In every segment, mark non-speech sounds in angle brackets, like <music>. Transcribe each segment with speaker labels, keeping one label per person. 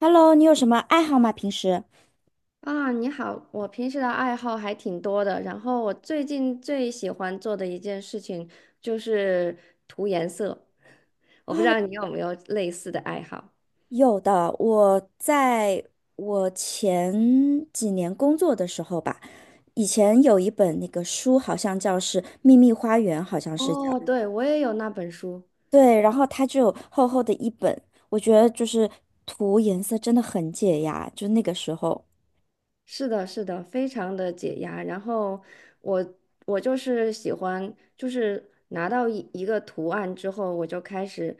Speaker 1: Hello，你有什么爱好吗？平时
Speaker 2: 啊，你好，我平时的爱好还挺多的，然后我最近最喜欢做的一件事情就是涂颜色，我不知道
Speaker 1: 啊，
Speaker 2: 你有没有类似的爱好。
Speaker 1: 有的。我前几年工作的时候吧，以前有一本那个书，好像叫是《秘密花园》，好像是叫。
Speaker 2: 哦，对，我也有那本书。
Speaker 1: 对，然后它就有厚厚的一本，我觉得就是涂颜色真的很解压，就那个时候。
Speaker 2: 是的，是的，非常的解压。然后我我就是喜欢，就是拿到一个图案之后，我就开始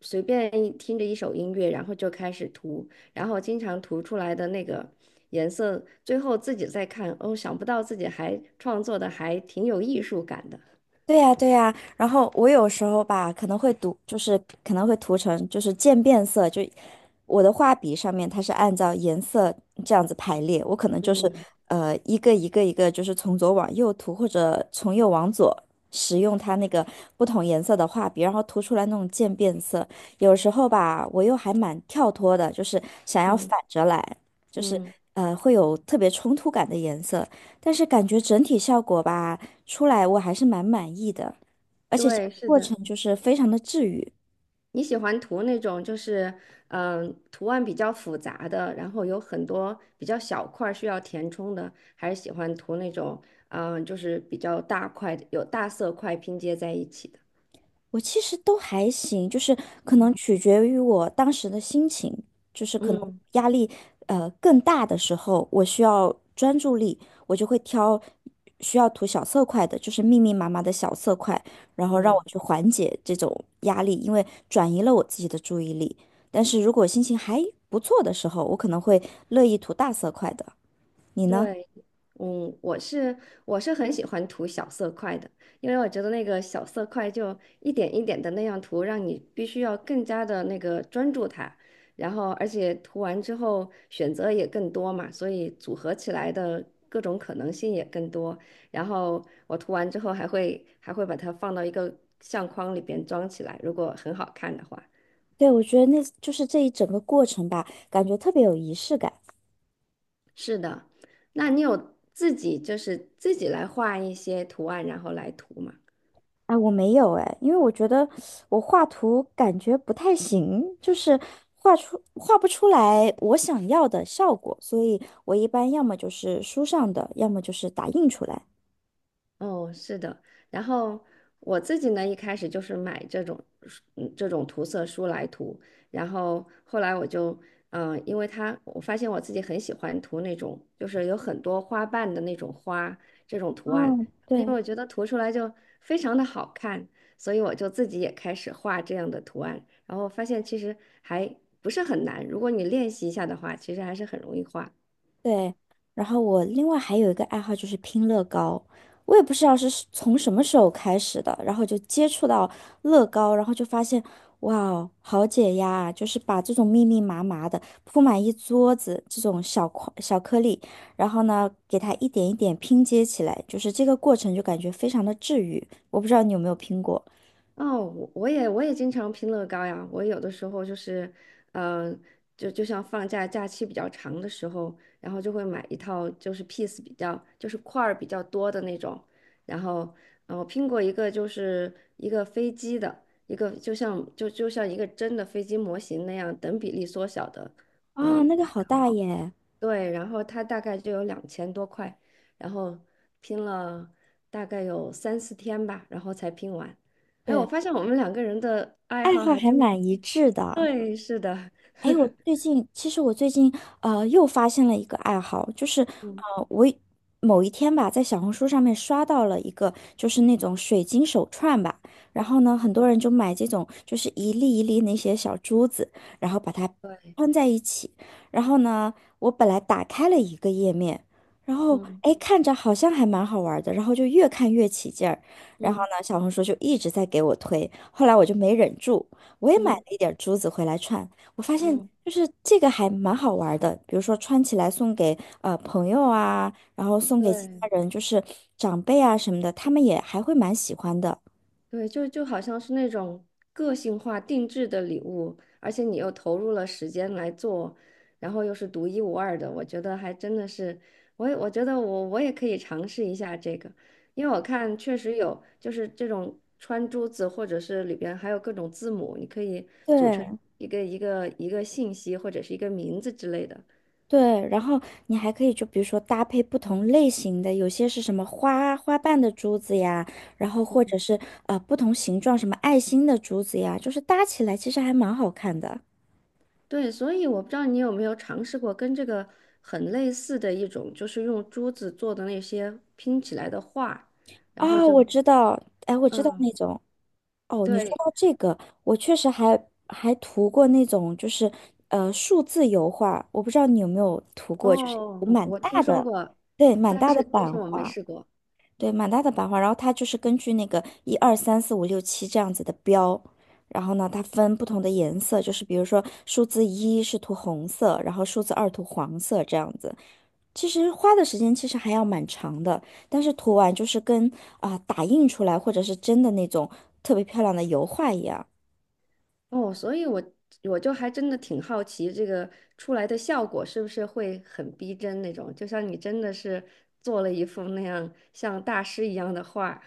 Speaker 2: 随便一听着一首音乐，然后就开始涂，然后经常涂出来的那个颜色，最后自己再看，哦，想不到自己还创作的还挺有艺术感的。
Speaker 1: 对呀，对呀，然后我有时候吧，可能会读，就是可能会涂成就是渐变色，就我的画笔上面它是按照颜色这样子排列，我可能就是
Speaker 2: 嗯
Speaker 1: 一个一个就是从左往右涂，或者从右往左，使用它那个不同颜色的画笔，然后涂出来那种渐变色。有时候吧，我又还蛮跳脱的，就是想要反
Speaker 2: 嗯
Speaker 1: 着来，就是
Speaker 2: 嗯，
Speaker 1: 会有特别冲突感的颜色，但是感觉整体效果吧，出来我还是蛮满意的，而且这个
Speaker 2: 对，是
Speaker 1: 过
Speaker 2: 的。
Speaker 1: 程就是非常的治愈。
Speaker 2: 你喜欢涂那种就是图案比较复杂的，然后有很多比较小块儿需要填充的，还是喜欢涂那种就是比较大块的，有大色块拼接在一起的？
Speaker 1: 我其实都还行，就是可能取决于我当时的心情，就是可能
Speaker 2: 嗯，
Speaker 1: 压力更大的时候，我需要专注力，我就会挑需要涂小色块的，就是密密麻麻的小色块，然后让我
Speaker 2: 对。
Speaker 1: 去缓解这种压力，因为转移了我自己的注意力。但是如果心情还不错的时候，我可能会乐意涂大色块的。你呢？
Speaker 2: 对，嗯，我是我是很喜欢涂小色块的，因为我觉得那个小色块就一点一点的那样涂，让你必须要更加的那个专注它，然后而且涂完之后选择也更多嘛，所以组合起来的各种可能性也更多。然后我涂完之后还会把它放到一个相框里边装起来，如果很好看的话。
Speaker 1: 对，我觉得那就是这一整个过程吧，感觉特别有仪式感。
Speaker 2: 是的，那你有自己就是自己来画一些图案，然后来涂吗？
Speaker 1: 啊！我没有哎，因为我觉得我画图感觉不太行，就是画不出来我想要的效果，所以我一般要么就是书上的，要么就是打印出来。
Speaker 2: 哦，是的。然后我自己呢，一开始就是买这种书这种涂色书来涂，然后后来我就因为它我发现我自己很喜欢涂那种就是有很多花瓣的那种花这种图案，
Speaker 1: 哦，
Speaker 2: 因为
Speaker 1: 对，
Speaker 2: 我觉得涂出来就非常的好看，所以我就自己也开始画这样的图案，然后发现其实还不是很难，如果你练习一下的话，其实还是很容易画。
Speaker 1: 对，然后我另外还有一个爱好就是拼乐高，我也不知道是从什么时候开始的，然后就接触到乐高，然后就发现，哇哦，好解压啊！就是把这种密密麻麻的铺满一桌子这种小块小颗粒，然后呢，给它一点一点拼接起来，就是这个过程就感觉非常的治愈。我不知道你有没有拼过
Speaker 2: 哦，我也我也经常拼乐高呀。我有的时候就是，嗯、就像放假假期比较长的时候，然后就会买一套就是 piece 比较就是块儿比较多的那种。然后，我拼过一个就是一个飞机的一个就像一个真的飞机模型那样等比例缩小的，
Speaker 1: 啊，
Speaker 2: 嗯。
Speaker 1: 那个好大耶！
Speaker 2: 对，然后他大概就有2000多块，然后拼了大概有三四天吧，然后才拼完。哎，我
Speaker 1: 对，
Speaker 2: 发现我们两个人的爱
Speaker 1: 爱
Speaker 2: 好
Speaker 1: 好
Speaker 2: 还
Speaker 1: 还
Speaker 2: 真的，
Speaker 1: 蛮一致的。
Speaker 2: 对，是的，
Speaker 1: 哎，我最近其实我最近又发现了一个爱好，就是
Speaker 2: 嗯，
Speaker 1: 呃我一某一天吧，在小红书上面刷到了一个就是那种水晶手串吧，然后呢，很多人就买这种就是一粒一粒那些小珠子，然后把它
Speaker 2: 对，
Speaker 1: 穿在一起，然后呢，我本来打开了一个页面，然后
Speaker 2: 嗯
Speaker 1: 哎看着好像还蛮好玩的，然后就越看越起劲儿，然后
Speaker 2: 嗯
Speaker 1: 呢，小红书就一直在给我推，后来我就没忍住，我也买了
Speaker 2: 嗯
Speaker 1: 一点珠子回来串。我发现
Speaker 2: 嗯，
Speaker 1: 就是这个还蛮好玩儿的，比如说穿起来送给朋友啊，然后送给其
Speaker 2: 对。
Speaker 1: 他人，就是长辈啊什么的，他们也还会蛮喜欢的。
Speaker 2: 对，就好像是那种个性化定制的礼物，而且你又投入了时间来做，然后又是独一无二的，我觉得还真的是，我觉得我也可以尝试一下这个，因为我看确实有就是这种穿珠子，或者是里边还有各种字母，你可以组成
Speaker 1: 对
Speaker 2: 一个信息或者是一个名字之类的。
Speaker 1: 对，然后你还可以就比如说搭配不同类型的，有些是什么花瓣的珠子呀，然后或者是不同形状什么爱心的珠子呀，就是搭起来其实还蛮好看的。
Speaker 2: 对，所以我不知道你有没有尝试过跟这个很类似的一种，就是用珠子做的那些拼起来的画，然后
Speaker 1: 哦，
Speaker 2: 就，
Speaker 1: 我知道，哎，我知道
Speaker 2: 嗯，
Speaker 1: 那种。哦，你说
Speaker 2: 对，
Speaker 1: 到这个，我确实还涂过那种就是数字油画，我不知道你有没有涂过，就是有
Speaker 2: 哦，
Speaker 1: 蛮
Speaker 2: 我
Speaker 1: 大
Speaker 2: 听说
Speaker 1: 的，
Speaker 2: 过，
Speaker 1: 对，蛮
Speaker 2: 但
Speaker 1: 大的
Speaker 2: 是但
Speaker 1: 版
Speaker 2: 是我没
Speaker 1: 画，
Speaker 2: 试过，
Speaker 1: 对，蛮大的版画，然后它就是根据那个一二三四五六七这样子的标，然后呢，它分不同的颜色，就是比如说数字一是涂红色，然后数字二涂黄色这样子，其实花的时间其实还要蛮长的，但是涂完就是跟打印出来或者是真的那种特别漂亮的油画一样，
Speaker 2: 哦，所以我就还真的挺好奇这个出来的效果是不是会很逼真那种，就像你真的是做了一幅那样像大师一样的画，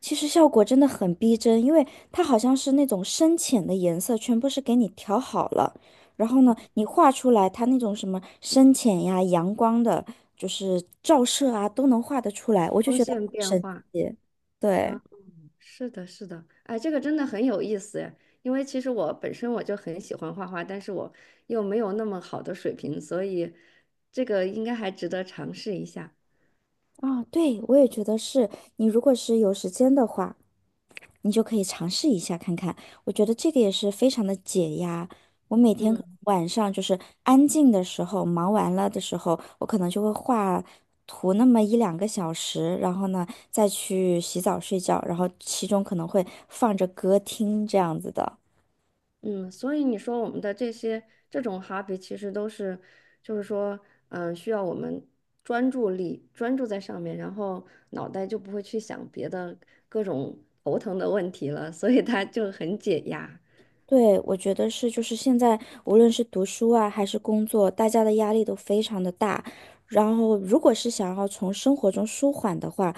Speaker 1: 其实效果真的很逼真，因为它好像是那种深浅的颜色全部是给你调好了，然后呢，你画出来它那种什么深浅呀、阳光的，就是照射啊，都能画得出来，我就
Speaker 2: 光
Speaker 1: 觉得
Speaker 2: 线
Speaker 1: 好
Speaker 2: 变
Speaker 1: 神
Speaker 2: 化。
Speaker 1: 奇。对，
Speaker 2: 啊。是的，是的，哎，这个真的很有意思哎，因为其实我本身我就很喜欢画画，但是我又没有那么好的水平，所以这个应该还值得尝试一下。
Speaker 1: 啊，对，我也觉得是，你如果是有时间的话。你就可以尝试一下看看。我觉得这个也是非常的解压。我每天可能
Speaker 2: 嗯
Speaker 1: 晚上就是安静的时候，忙完了的时候，我可能就会画图那么一两个小时，然后呢再去洗澡睡觉，然后其中可能会放着歌听这样子的。
Speaker 2: 嗯，所以你说我们的这种 hobby 其实都是，就是说，需要我们专注在上面，然后脑袋就不会去想别的各种头疼的问题了，所以它就很解压。
Speaker 1: 对，我觉得是，就是现在无论是读书啊，还是工作，大家的压力都非常的大。然后，如果是想要从生活中舒缓的话，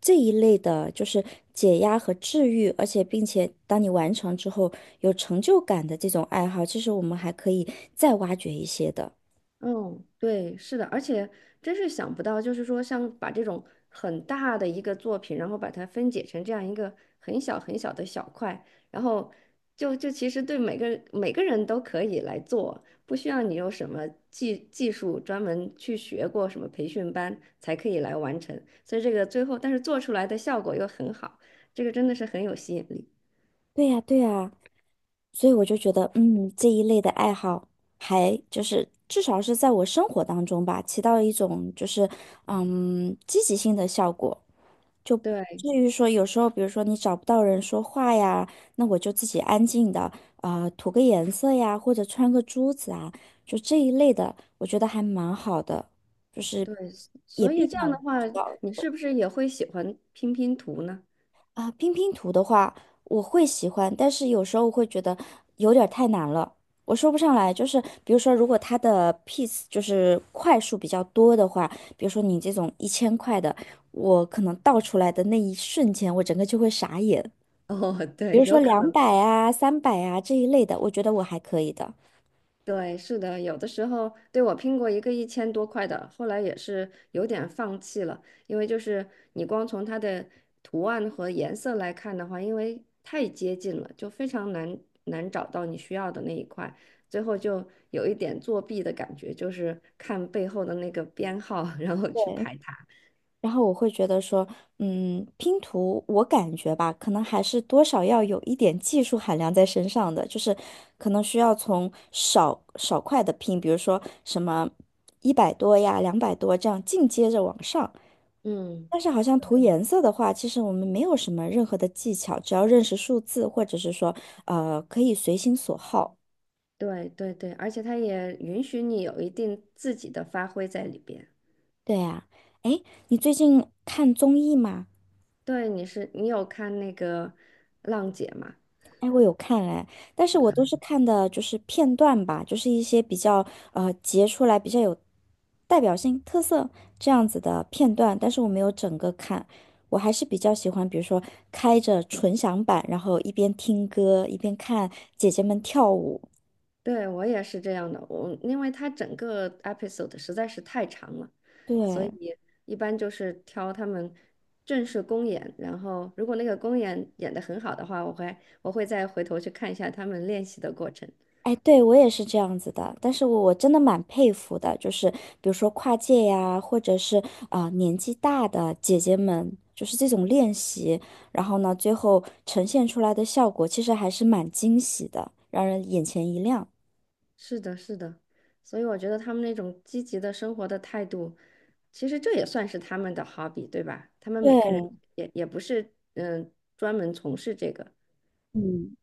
Speaker 1: 这一类的，就是解压和治愈，而且并且当你完成之后有成就感的这种爱好，其实我们还可以再挖掘一些的。
Speaker 2: 嗯，对，是的，而且真是想不到，就是说，像把这种很大的一个作品，然后把它分解成这样一个很小很小的小块，然后就其实对每个人都可以来做，不需要你有什么技术专门去学过什么培训班才可以来完成，所以这个最后，但是做出来的效果又很好，这个真的是很有吸引力。
Speaker 1: 对呀，对呀，所以我就觉得，嗯，这一类的爱好还就是至少是在我生活当中吧，起到一种就是嗯积极性的效果。就不
Speaker 2: 对
Speaker 1: 至于说有时候，比如说你找不到人说话呀，那我就自己安静的涂个颜色呀，或者穿个珠子啊，就这一类的，我觉得还蛮好的，就是
Speaker 2: 对，
Speaker 1: 也
Speaker 2: 所以
Speaker 1: 避
Speaker 2: 这
Speaker 1: 免
Speaker 2: 样
Speaker 1: 了
Speaker 2: 的话，
Speaker 1: 比较。
Speaker 2: 不是也会喜欢拼拼图呢？
Speaker 1: 啊，拼拼图的话，我会喜欢，但是有时候会觉得有点儿太难了。我说不上来，就是比如说，如果它的 piece 就是块数比较多的话，比如说你这种1000块的，我可能倒出来的那一瞬间，我整个就会傻眼。
Speaker 2: 哦，
Speaker 1: 比
Speaker 2: 对，
Speaker 1: 如说
Speaker 2: 有可
Speaker 1: 两
Speaker 2: 能，
Speaker 1: 百啊、300啊这一类的，我觉得我还可以的。
Speaker 2: 对，是的，有的时候，对，我拼过一个1000多块的，后来也是有点放弃了，因为就是你光从它的图案和颜色来看的话，因为太接近了，就非常难找到你需要的那一块，最后就有一点作弊的感觉，就是看背后的那个编号，<laughs> 然后去
Speaker 1: 对，
Speaker 2: 排它。
Speaker 1: 然后我会觉得说，嗯，拼图我感觉吧，可能还是多少要有一点技术含量在身上的，就是可能需要从少少块的拼，比如说什么100多呀、200多这样进阶着往上。
Speaker 2: 嗯，
Speaker 1: 但是好像涂颜色的话，其实我们没有什么任何的技巧，只要认识数字，或者是说，可以随心所好。
Speaker 2: 对对对，而且它也允许你有一定自己的发挥在里边。
Speaker 1: 对呀，哎，你最近看综艺吗？
Speaker 2: 对，你有看那个浪姐吗？
Speaker 1: 哎，我有看哎，但是我都是看的就是片段吧，就是一些比较截出来比较有代表性、特色这样子的片段，但是我没有整个看。我还是比较喜欢，比如说开着纯享版，然后一边听歌一边看姐姐们跳舞。
Speaker 2: 对，我也是这样的，我因为它整个 episode 实在是太长了，所
Speaker 1: 对，
Speaker 2: 以一般就是挑他们正式公演，然后如果那个公演演的很好的话，我会再回头去看一下他们练习的过程。
Speaker 1: 哎，对，我也是这样子的，但是我真的蛮佩服的，就是比如说跨界呀，或者是年纪大的姐姐们，就是这种练习，然后呢，最后呈现出来的效果其实还是蛮惊喜的，让人眼前一亮。
Speaker 2: 是的，是的，所以我觉得他们那种积极的生活的态度，其实这也算是他们的 hobby，对吧？他们每个人
Speaker 1: 对，
Speaker 2: 也不是专门从事这个。
Speaker 1: 嗯，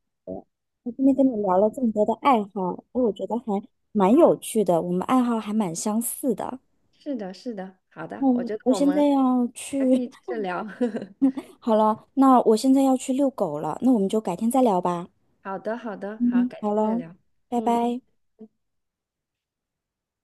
Speaker 1: 那今天跟你聊了这么多的爱好，哎我觉得还蛮有趣的，我们爱好还蛮相似的。
Speaker 2: 是的，是的，好的，我
Speaker 1: 嗯，
Speaker 2: 觉得
Speaker 1: 我
Speaker 2: 我
Speaker 1: 现在
Speaker 2: 们
Speaker 1: 要
Speaker 2: 还可
Speaker 1: 去，
Speaker 2: 以接着聊。<laughs>
Speaker 1: <laughs> 好了，那我现在要去遛狗了，那我们就改天再聊吧。
Speaker 2: 好的，好的，好，
Speaker 1: 嗯，
Speaker 2: 改
Speaker 1: 好
Speaker 2: 天再
Speaker 1: 了，
Speaker 2: 聊。
Speaker 1: 拜
Speaker 2: 嗯。
Speaker 1: 拜。